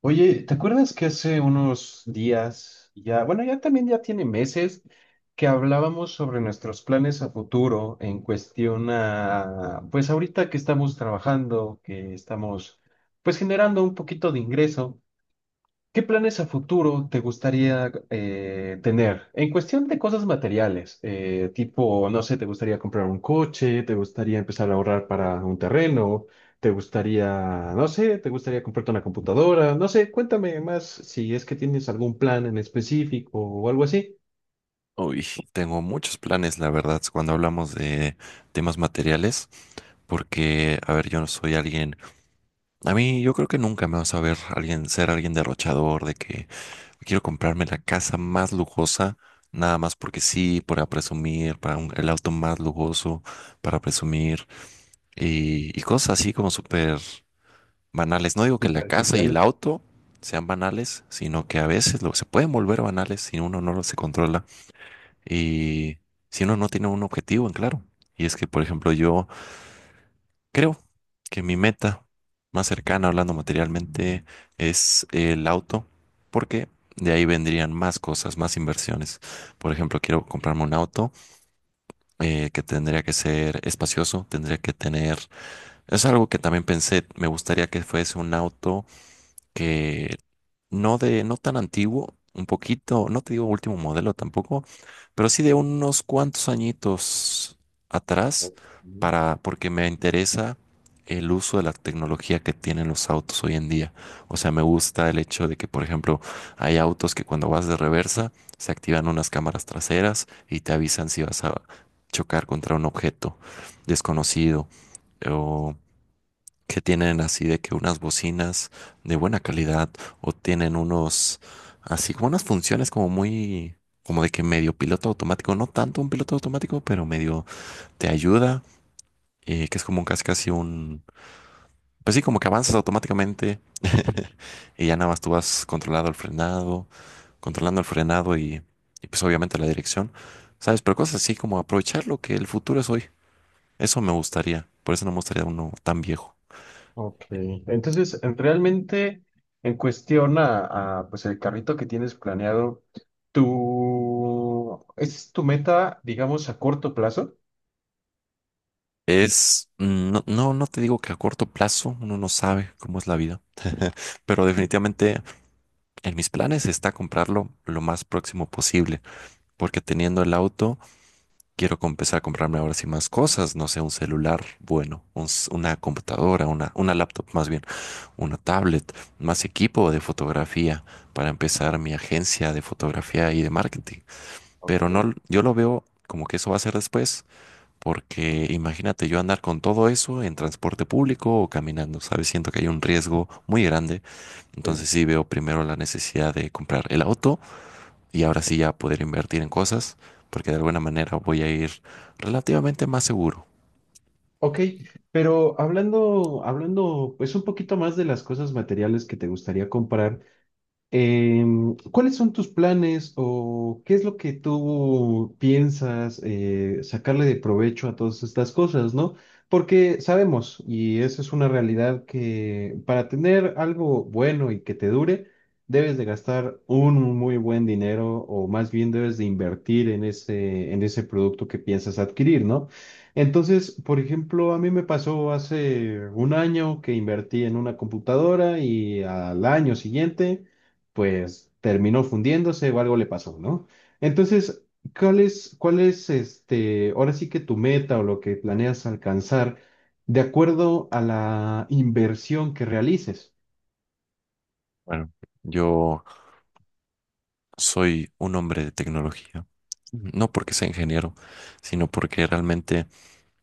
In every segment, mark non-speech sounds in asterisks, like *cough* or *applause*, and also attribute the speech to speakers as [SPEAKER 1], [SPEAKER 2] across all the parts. [SPEAKER 1] Oye, ¿te acuerdas que hace unos días, ya, bueno, ya también ya tiene meses, que hablábamos sobre nuestros planes a futuro en cuestión a, pues ahorita que estamos trabajando, que estamos pues generando un poquito de ingreso? ¿Qué planes a futuro te gustaría tener? En cuestión de cosas materiales, tipo, no sé, ¿te gustaría comprar un coche? ¿Te gustaría empezar a ahorrar para un terreno? ¿Te gustaría, no sé, te gustaría comprarte una computadora? No sé, cuéntame más si es que tienes algún plan en específico o algo así.
[SPEAKER 2] Uy, tengo muchos planes, la verdad. Cuando hablamos de temas materiales, porque, a ver, yo no soy alguien, a mí yo creo que nunca me vas a ver alguien ser alguien derrochador, de que quiero comprarme la casa más lujosa, nada más porque sí, para presumir, para el auto más lujoso, para presumir, y cosas así como súper banales. No digo que la casa y el
[SPEAKER 1] Superficiales.
[SPEAKER 2] auto sean banales, sino que a veces se pueden volver banales si uno no lo se controla. Y si uno no tiene un objetivo en claro, y es que, por ejemplo, yo creo que mi meta más cercana, hablando materialmente, es el auto, porque de ahí vendrían más cosas, más inversiones. Por ejemplo, quiero comprarme un auto que tendría que ser espacioso, tendría que tener... Es algo que también pensé, me gustaría que fuese un auto que no tan antiguo, un poquito, no te digo último modelo tampoco, pero sí de unos cuantos añitos atrás,
[SPEAKER 1] Ok.
[SPEAKER 2] para, porque me interesa el uso de la tecnología que tienen los autos hoy en día. O sea, me gusta el hecho de que, por ejemplo, hay autos que cuando vas de reversa se activan unas cámaras traseras y te avisan si vas a chocar contra un objeto desconocido, o que tienen así de que unas bocinas de buena calidad, o tienen unos así como unas funciones como muy como de que medio piloto automático, no tanto un piloto automático, pero medio te ayuda, que es como un casi casi un, pues sí, como que avanzas automáticamente y ya nada más tú vas controlando el frenado y pues obviamente la dirección, ¿sabes? Pero cosas así como aprovechar lo que el futuro es hoy. Eso me gustaría, por eso no me gustaría uno tan viejo.
[SPEAKER 1] Ok, realmente en cuestión a, pues el carrito que tienes planeado, tú, ¿es tu meta, digamos, a corto plazo?
[SPEAKER 2] Es, mm, no, no, no te digo que a corto plazo, uno no sabe cómo es la vida, pero definitivamente en mis planes está comprarlo lo más próximo posible, porque teniendo el auto quiero empezar a comprarme ahora sí más cosas, no sé, un celular bueno, una computadora, una laptop más bien, una tablet, más equipo de fotografía para empezar mi agencia de fotografía y de marketing,
[SPEAKER 1] Ok,
[SPEAKER 2] pero no, yo lo veo como que eso va a ser después. Porque imagínate yo andar con todo eso en transporte público o caminando, ¿sabes? Siento que hay un riesgo muy grande.
[SPEAKER 1] sí.
[SPEAKER 2] Entonces sí veo primero la necesidad de comprar el auto y ahora sí ya poder invertir en cosas, porque de alguna manera voy a ir relativamente más seguro.
[SPEAKER 1] Ok, pero hablando, hablando pues un poquito más de las cosas materiales que te gustaría comprar. ¿Cuáles son tus planes o qué es lo que tú piensas sacarle de provecho a todas estas cosas, ¿no? Porque sabemos, y eso es una realidad, que para tener algo bueno y que te dure, debes de gastar un muy buen dinero o más bien debes de invertir en ese producto que piensas adquirir, ¿no? Entonces, por ejemplo, a mí me pasó hace un año que invertí en una computadora y al año siguiente pues terminó fundiéndose o algo le pasó, ¿no? Entonces, cuál es este, ahora sí que tu meta o lo que planeas alcanzar de acuerdo a la inversión que realices?
[SPEAKER 2] Bueno, yo soy un hombre de tecnología, no porque sea ingeniero, sino porque realmente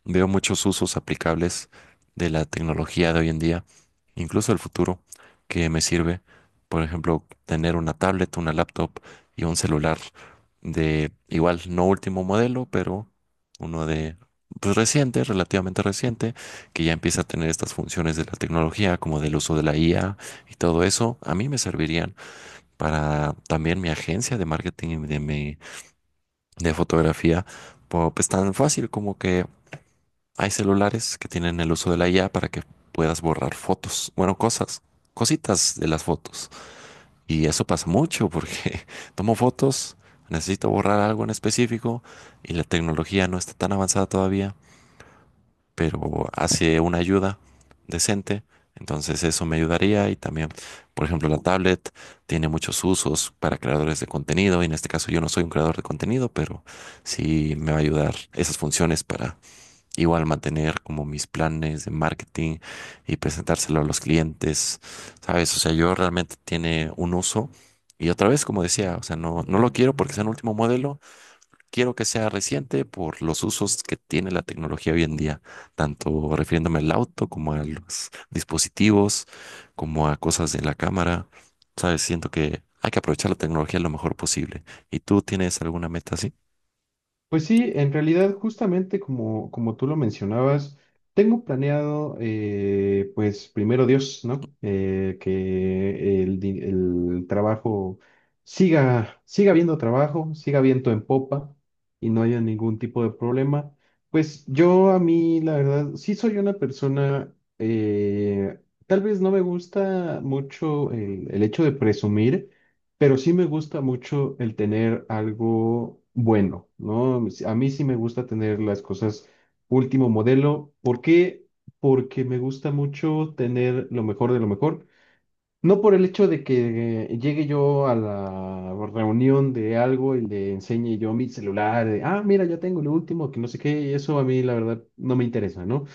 [SPEAKER 2] veo muchos usos aplicables de la tecnología de hoy en día, incluso el futuro, que me sirve, por ejemplo, tener una tablet, una laptop y un celular de igual, no último modelo, pero uno de, pues, reciente, relativamente reciente, que ya empieza a tener estas funciones de la tecnología, como del uso de la IA y todo eso. A mí me servirían para también mi agencia de marketing y de fotografía. Pues tan fácil como que hay celulares que tienen el uso de la IA para que puedas borrar fotos, bueno, cosas, cositas de las fotos. Y eso pasa mucho porque *laughs* tomo fotos, necesito borrar algo en específico y la tecnología no está tan avanzada todavía, pero hace una ayuda decente. Entonces eso me ayudaría y también, por ejemplo, la tablet tiene muchos usos para creadores de contenido, y en este caso yo no soy un creador de contenido, pero sí me va a ayudar esas funciones para igual mantener como mis planes de marketing y presentárselo a los clientes, ¿sabes? O sea, yo realmente tiene un uso. Y otra vez, como decía, o sea, no, no lo quiero porque sea un último modelo, quiero que sea reciente por los usos que tiene la tecnología hoy en día, tanto refiriéndome al auto como a los dispositivos, como a cosas de la cámara, ¿sabes? Siento que hay que aprovechar la tecnología lo mejor posible. ¿Y tú tienes alguna meta así?
[SPEAKER 1] Pues sí, en realidad, justamente como, como tú lo mencionabas, tengo planeado, pues primero Dios, ¿no? Que el trabajo siga, siga habiendo trabajo, siga viento en popa y no haya ningún tipo de problema. Pues yo a mí, la verdad, sí soy una persona, tal vez no me gusta mucho el hecho de presumir. Pero sí me gusta mucho el tener algo bueno, ¿no? A mí sí me gusta tener las cosas último modelo. ¿Por qué? Porque me gusta mucho tener lo mejor de lo mejor. No por el hecho de que llegue yo a la reunión de algo y le enseñe yo mi celular, de, ah, mira, ya tengo lo último, que no sé qué, y eso a mí la verdad no me interesa, ¿no?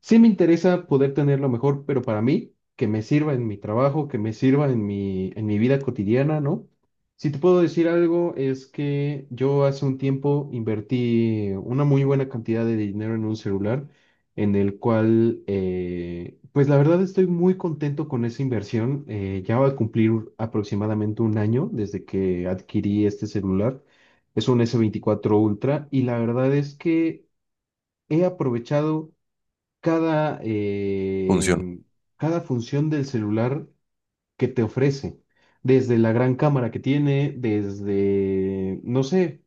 [SPEAKER 1] Sí me interesa poder tenerlo mejor, pero para mí, que me sirva en mi trabajo, que me sirva en mi vida cotidiana, ¿no? Si te puedo decir algo, es que yo hace un tiempo invertí una muy buena cantidad de dinero en un celular, en el cual, pues la verdad estoy muy contento con esa inversión. Ya va a cumplir aproximadamente un año desde que adquirí este celular. Es un S24 Ultra y la verdad es que he aprovechado cada,
[SPEAKER 2] Función.
[SPEAKER 1] eh, cada función del celular que te ofrece, desde la gran cámara que tiene, desde, no sé,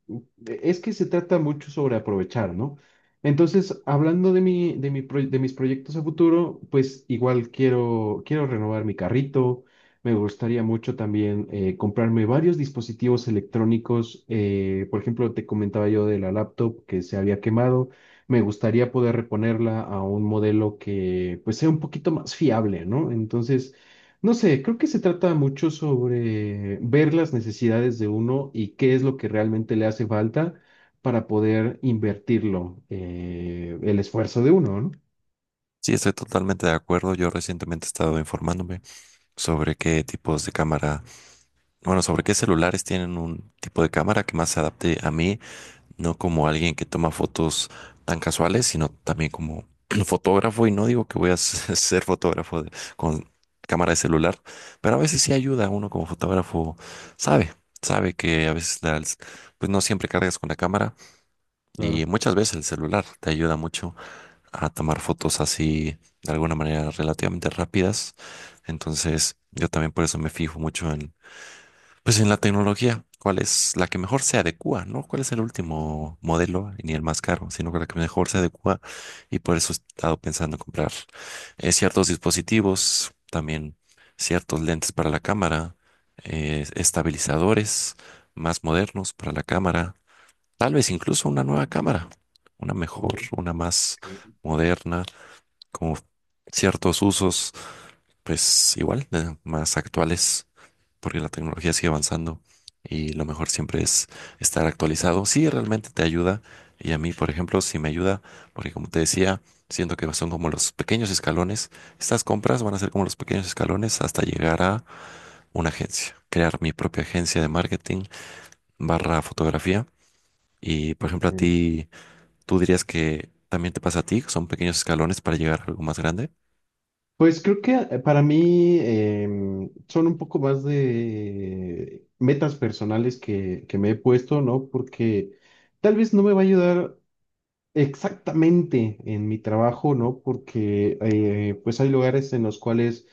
[SPEAKER 1] es que se trata mucho sobre aprovechar, ¿no? Entonces, hablando de de mis proyectos a futuro, pues igual quiero, quiero renovar mi carrito. Me gustaría mucho también comprarme varios dispositivos electrónicos. Por ejemplo, te comentaba yo de la laptop que se había quemado. Me gustaría poder reponerla a un modelo que pues sea un poquito más fiable, ¿no? Entonces, no sé, creo que se trata mucho sobre ver las necesidades de uno y qué es lo que realmente le hace falta para poder invertirlo, el esfuerzo de uno, ¿no?
[SPEAKER 2] Sí, estoy totalmente de acuerdo. Yo recientemente he estado informándome sobre qué tipos de cámara, bueno, sobre qué celulares tienen un tipo de cámara que más se adapte a mí, no como alguien que toma fotos tan casuales, sino también como *clears throat* fotógrafo. Y no digo que voy a *laughs* ser fotógrafo con cámara de celular, pero a veces sí ayuda. Uno como fotógrafo sabe, sabe que a veces pues no siempre cargas con la cámara y
[SPEAKER 1] Claro.
[SPEAKER 2] muchas veces el celular te ayuda mucho a tomar fotos así de alguna manera relativamente rápidas. Entonces, yo también por eso me fijo mucho en, pues en la tecnología, cuál es la que mejor se adecua, ¿no? ¿Cuál es el último modelo? Y ni el más caro, sino que la que mejor se adecua, y por eso he estado pensando en comprar, ciertos dispositivos, también ciertos lentes para la cámara, estabilizadores más modernos para la cámara, tal vez incluso una nueva cámara, una mejor,
[SPEAKER 1] Ok,
[SPEAKER 2] una más moderna, como ciertos usos, pues igual, más actuales, porque la tecnología sigue avanzando y lo mejor siempre es estar actualizado. Sí, realmente te ayuda, y a mí, por ejemplo, sí me ayuda, porque como te decía, siento que son como los pequeños escalones. Estas compras van a ser como los pequeños escalones hasta llegar a una agencia, crear mi propia agencia de marketing barra fotografía. Y, por ejemplo, a
[SPEAKER 1] ok.
[SPEAKER 2] ti, tú dirías que también te pasa a ti, que son pequeños escalones para llegar a algo más grande.
[SPEAKER 1] Pues creo que para mí son un poco más de metas personales que me he puesto, ¿no? Porque tal vez no me va a ayudar exactamente en mi trabajo, ¿no? Porque pues hay lugares en los cuales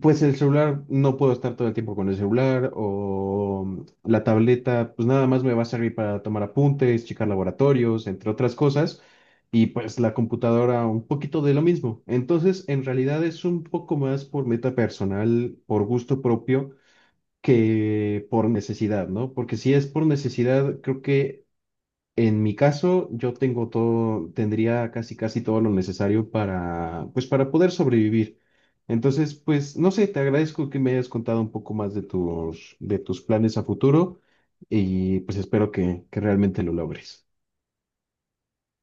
[SPEAKER 1] pues el celular, no puedo estar todo el tiempo con el celular o la tableta, pues nada más me va a servir para tomar apuntes, checar laboratorios, entre otras cosas, y pues la computadora un poquito de lo mismo. Entonces, en realidad es un poco más por meta personal, por gusto propio, que por necesidad, ¿no? Porque si es por necesidad, creo que en mi caso, yo tengo todo, tendría casi casi todo lo necesario para, pues, para poder sobrevivir. Entonces, pues, no sé, te agradezco que me hayas contado un poco más de de tus planes a futuro y pues espero que realmente lo logres.